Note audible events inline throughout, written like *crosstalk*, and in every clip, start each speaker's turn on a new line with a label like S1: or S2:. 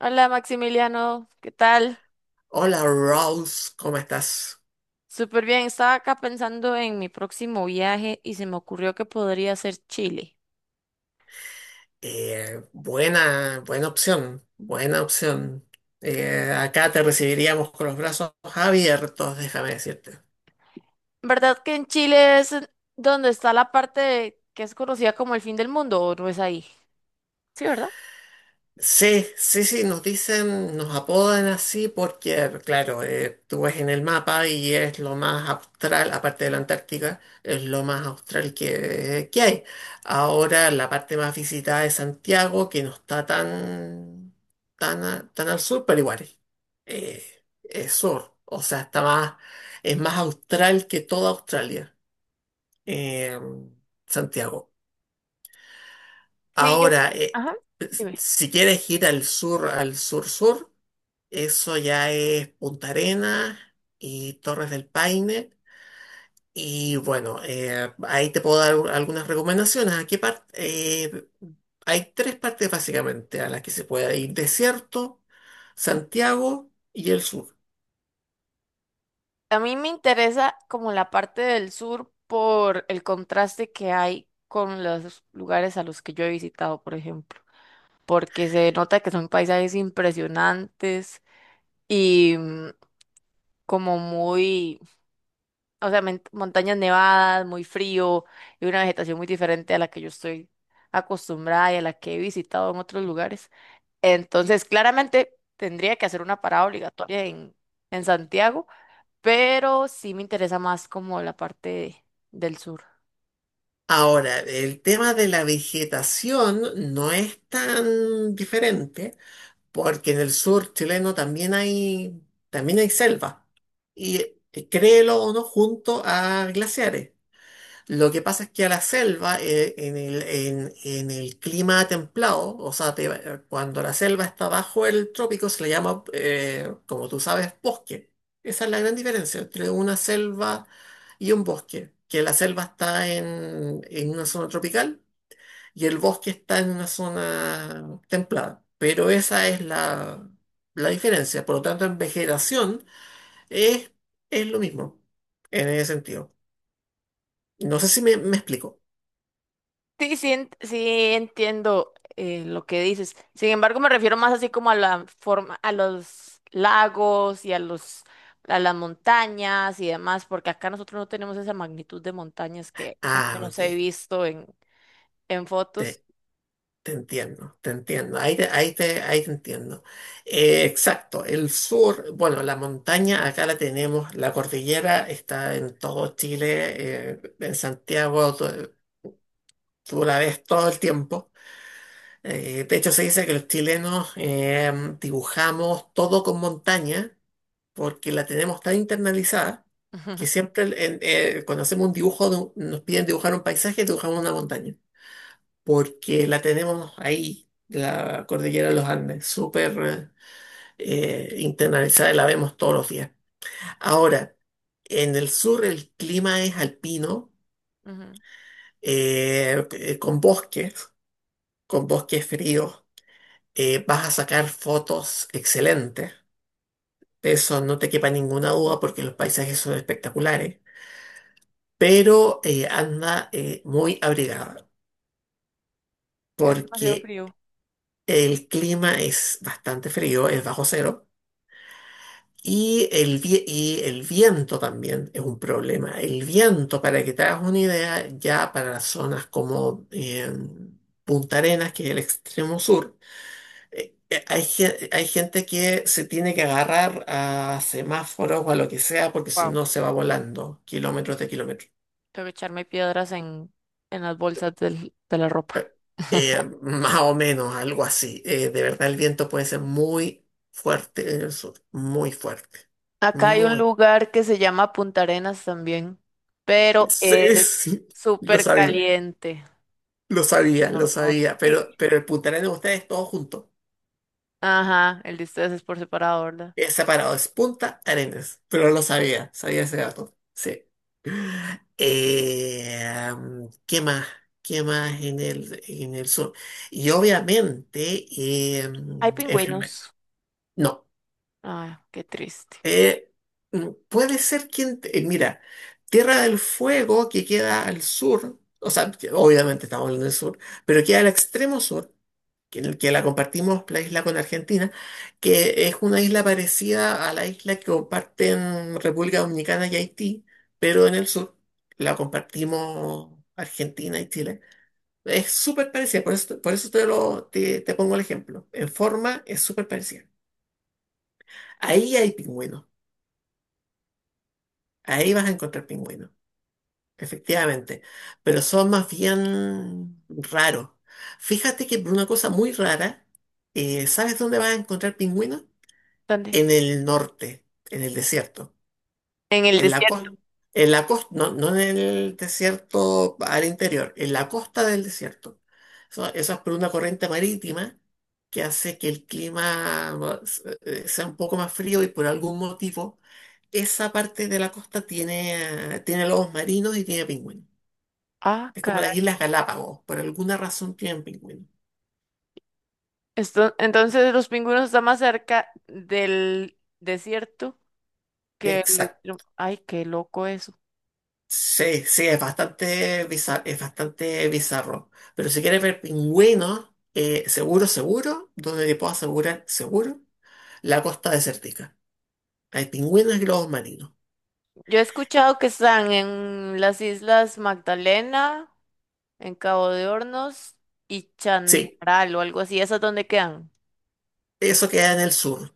S1: Hola Maximiliano, ¿qué tal?
S2: Hola Rolf, ¿cómo estás?
S1: Súper bien, estaba acá pensando en mi próximo viaje y se me ocurrió que podría ser Chile.
S2: Buena opción, buena opción. Acá te recibiríamos con los brazos abiertos, déjame decirte.
S1: ¿Verdad que en Chile es donde está la parte que es conocida como el fin del mundo, o no es ahí? Sí, ¿verdad?
S2: Sí, sí, sí, nos dicen, nos apodan así porque, claro, tú ves en el mapa y es lo más austral, aparte de la Antártica, es lo más austral que hay. Ahora la parte más visitada es Santiago, que no está tan al sur, pero igual eh, es sur, o sea, está más, es más austral que toda Australia, eh, Santiago.
S1: Sí, yo.
S2: Ahora,
S1: Ajá.
S2: si quieres ir al sur, al sur-sur, eso ya es Punta Arenas y Torres del Paine. Y bueno, ahí te puedo dar algunas recomendaciones. Hay tres partes básicamente a las que se puede ir. Desierto, Santiago y el sur.
S1: A mí me interesa como la parte del sur por el contraste que hay con los lugares a los que yo he visitado, por ejemplo, porque se nota que son paisajes impresionantes y como muy, o sea, montañas nevadas, muy frío, y una vegetación muy diferente a la que yo estoy acostumbrada y a la que he visitado en otros lugares. Entonces, claramente tendría que hacer una parada obligatoria en Santiago, pero sí me interesa más como la parte del sur.
S2: Ahora, el tema de la vegetación no es tan diferente, porque en el sur chileno también hay selva. Y créelo o no, junto a glaciares. Lo que pasa es que a la selva, en el clima templado, cuando la selva está bajo el trópico, se le llama, como tú sabes, bosque. Esa es la gran diferencia entre una selva y un bosque, que la selva está en una zona tropical y el bosque está en una zona templada. Pero esa es la diferencia. Por lo tanto, en vegetación es, es lo mismo, en ese sentido. No sé si me explico.
S1: Sí, sí, sí entiendo lo que dices. Sin embargo, me refiero más así como a la forma, a los lagos y a a las montañas y demás, porque acá nosotros no tenemos esa magnitud de montañas que al
S2: Ah,
S1: menos he
S2: ok.
S1: visto en fotos.
S2: Te, te entiendo, te entiendo. Ahí te entiendo. Exacto. El sur, bueno, la montaña acá la tenemos. La cordillera está en todo Chile. Tú la ves todo el tiempo. De hecho, se dice que los chilenos dibujamos todo con montaña porque la tenemos tan internalizada que
S1: *laughs*
S2: cuando hacemos un dibujo, nos piden dibujar un paisaje, dibujamos una montaña. Porque la tenemos ahí, la cordillera de los Andes, súper internalizada, y la vemos todos los días. Ahora, en el sur el clima es alpino,
S1: Ujú.
S2: eh, eh, con bosques, con bosques fríos. Vas a sacar fotos excelentes, de eso no te quepa ninguna duda, porque los paisajes son espectaculares, pero anda muy abrigada
S1: Es demasiado
S2: porque
S1: frío.
S2: el clima es bastante frío, es bajo cero. Y el viento también es un problema. El viento, para que te hagas una idea, ya para zonas como Punta Arenas, que es el extremo sur, hay gente que se tiene que agarrar a semáforos o a lo que sea, porque si
S1: Wow.
S2: no se va volando kilómetros de kilómetros.
S1: Tengo que echarme piedras en las bolsas de la ropa. *laughs*
S2: Más o menos, algo así. De verdad, el viento puede ser muy fuerte en el sur, muy fuerte.
S1: Acá hay un
S2: Muy.
S1: lugar que se llama Punta Arenas también, pero
S2: Sí,
S1: es
S2: sí, lo
S1: súper
S2: sabía.
S1: caliente.
S2: Lo sabía, lo
S1: No,
S2: sabía,
S1: sí.
S2: pero el puntaral de ustedes todo junto.
S1: Ajá, el disfraz es por separado, ¿verdad?
S2: Es separado, es Punta Arenas. Pero no lo sabía, sabía ese dato. Sí. ¿Qué más? ¿Qué más en en el sur? Y obviamente,
S1: Hay pingüinos.
S2: no.
S1: Ay, qué triste.
S2: Eh, mira, Tierra del Fuego que queda al sur, o sea, que obviamente estamos en el sur, pero queda al extremo sur. Que la compartimos, la isla, con Argentina, que es una isla parecida a la isla que comparten República Dominicana y Haití, pero en el sur la compartimos Argentina y Chile. Es súper parecida, por eso te pongo el ejemplo. En forma es súper parecida. Ahí hay pingüinos, ahí vas a encontrar pingüinos, efectivamente, pero son más bien raros. Fíjate que por una cosa muy rara, ¿sabes dónde vas a encontrar pingüinos?
S1: ¿Dónde?
S2: En el norte, en el desierto,
S1: En el
S2: en la
S1: desierto.
S2: costa, en la costa, no, no en el desierto al interior, en la costa del desierto. Eso es por una corriente marítima que hace que el clima sea un poco más frío, y por algún motivo esa parte de la costa tiene lobos marinos y tiene pingüinos.
S1: Ah,
S2: Es como las
S1: caray.
S2: Islas Galápagos, por alguna razón tienen pingüinos.
S1: Esto, entonces los pingüinos están más cerca del desierto que el
S2: Exacto.
S1: extremo. Ay, qué loco eso.
S2: Sí, sí, es bastante bizarro, es bastante bizarro. Pero si quieres ver pingüinos, seguro, seguro, donde te puedo asegurar, seguro, la costa desértica. Hay pingüinos y globos marinos.
S1: Yo he escuchado que están en las Islas Magdalena, en Cabo de Hornos y
S2: Sí,
S1: Chanral o algo así. ¿Esas dónde quedan?
S2: eso queda en el sur.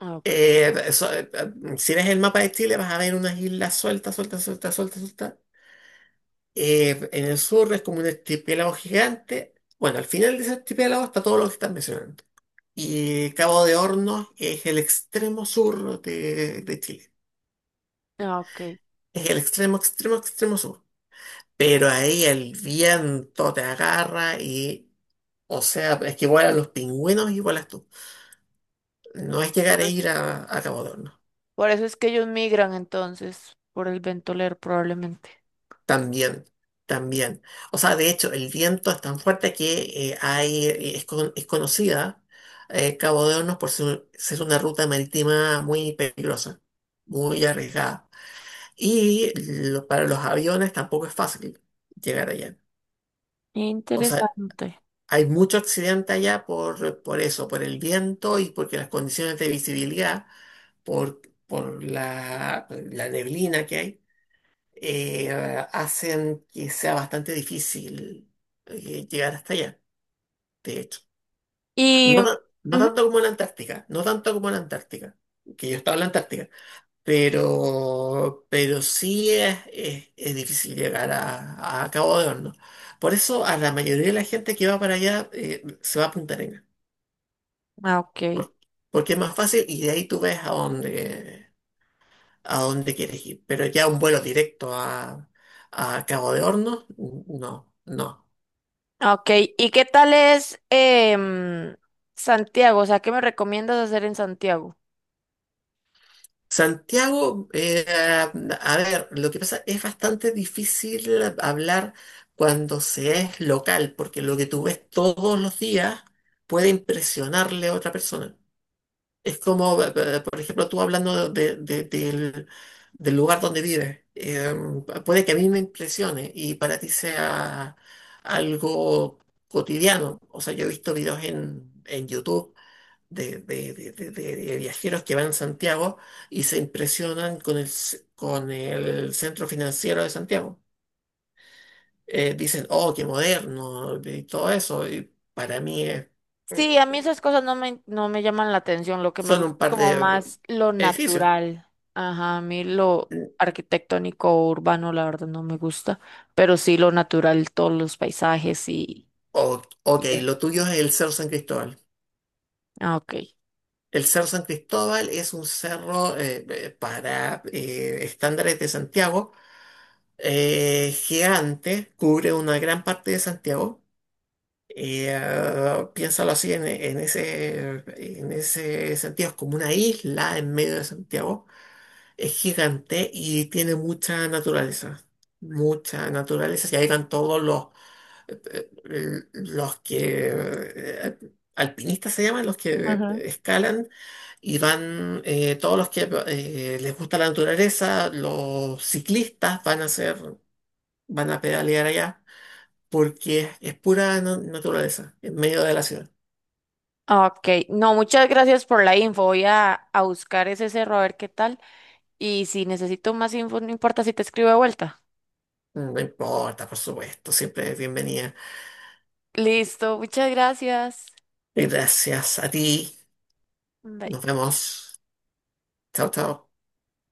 S1: Ah, ok.
S2: Si ves el mapa de Chile, vas a ver unas islas sueltas, sueltas, sueltas, sueltas, sueltas. En el sur es como un archipiélago gigante. Bueno, al final de ese archipiélago está todo lo que estás mencionando. Y Cabo de Hornos es el extremo sur de Chile.
S1: Ah, ok.
S2: Es el extremo, extremo, extremo sur. Pero ahí el viento te agarra y, o sea, es que vuelan los pingüinos y vuelas tú. No es llegar a ir a Cabo Hornos.
S1: Por eso es que ellos migran entonces, por el ventoler probablemente.
S2: También, también. O sea, de hecho, el viento es tan fuerte que es conocida Cabo de Hornos por ser, ser una ruta marítima muy peligrosa, muy arriesgada. Y para los aviones tampoco es fácil llegar allá. O sea,
S1: Interesante.
S2: hay mucho accidente allá por eso, por el viento, y porque las condiciones de visibilidad, por la neblina que hay, eh, hacen que sea bastante difícil llegar hasta allá, de hecho.
S1: Y...
S2: No, no
S1: ujú.
S2: tanto como en la Antártica, no tanto como en la Antártica, que yo estaba en la Antártica, pero sí es difícil llegar a Cabo de Hornos. Por eso a la mayoría de la gente que va para allá se va a apuntar en
S1: Ah, ok.
S2: por- porque es más fácil, y de ahí tú ves a dónde quieres ir. Pero ya un vuelo directo a Cabo de Hornos, no, no.
S1: Ok, ¿y qué tal es Santiago? O sea, ¿qué me recomiendas hacer en Santiago?
S2: Santiago, a ver, lo que pasa es bastante difícil hablar cuando se es local, porque lo que tú ves todos los días puede impresionarle a otra persona. Es como, por ejemplo, tú hablando del, del lugar donde vives, puede que a mí me impresione y para ti sea algo cotidiano. O sea, yo he visto videos en YouTube de, de viajeros que van a Santiago y se impresionan con con el centro financiero de Santiago. Dicen, oh, qué moderno y todo eso. Y para mí es
S1: Sí, a mí esas cosas no me, no me llaman la atención, lo que me
S2: son
S1: gusta
S2: un
S1: es
S2: par
S1: como
S2: de
S1: más lo
S2: edificios.
S1: natural. Ajá, a mí lo arquitectónico o urbano, la verdad, no me gusta, pero sí lo natural, todos los paisajes
S2: O
S1: y
S2: ok,
S1: ya.
S2: lo tuyo es el Cerro San Cristóbal.
S1: Ah, ok.
S2: El Cerro San Cristóbal es un cerro para estándares de Santiago gigante, cubre una gran parte de Santiago. Piénsalo así en ese sentido, es como una isla en medio de Santiago. Es gigante y tiene mucha naturaleza, mucha naturaleza. Se habitan todos los que alpinistas se llaman, los que escalan y van todos los que les gusta la naturaleza, los ciclistas van a hacer, van a pedalear allá porque es pura naturaleza en medio de la ciudad.
S1: Ok, no, muchas gracias por la info. Voy a buscar ese cerro a ver qué tal. Y si necesito más info, no importa si te escribo de vuelta.
S2: Mm, no importa, por supuesto, siempre es bienvenida.
S1: Listo, muchas gracias.
S2: Gracias a ti.
S1: Bye.
S2: Nos vemos. Chao, chao.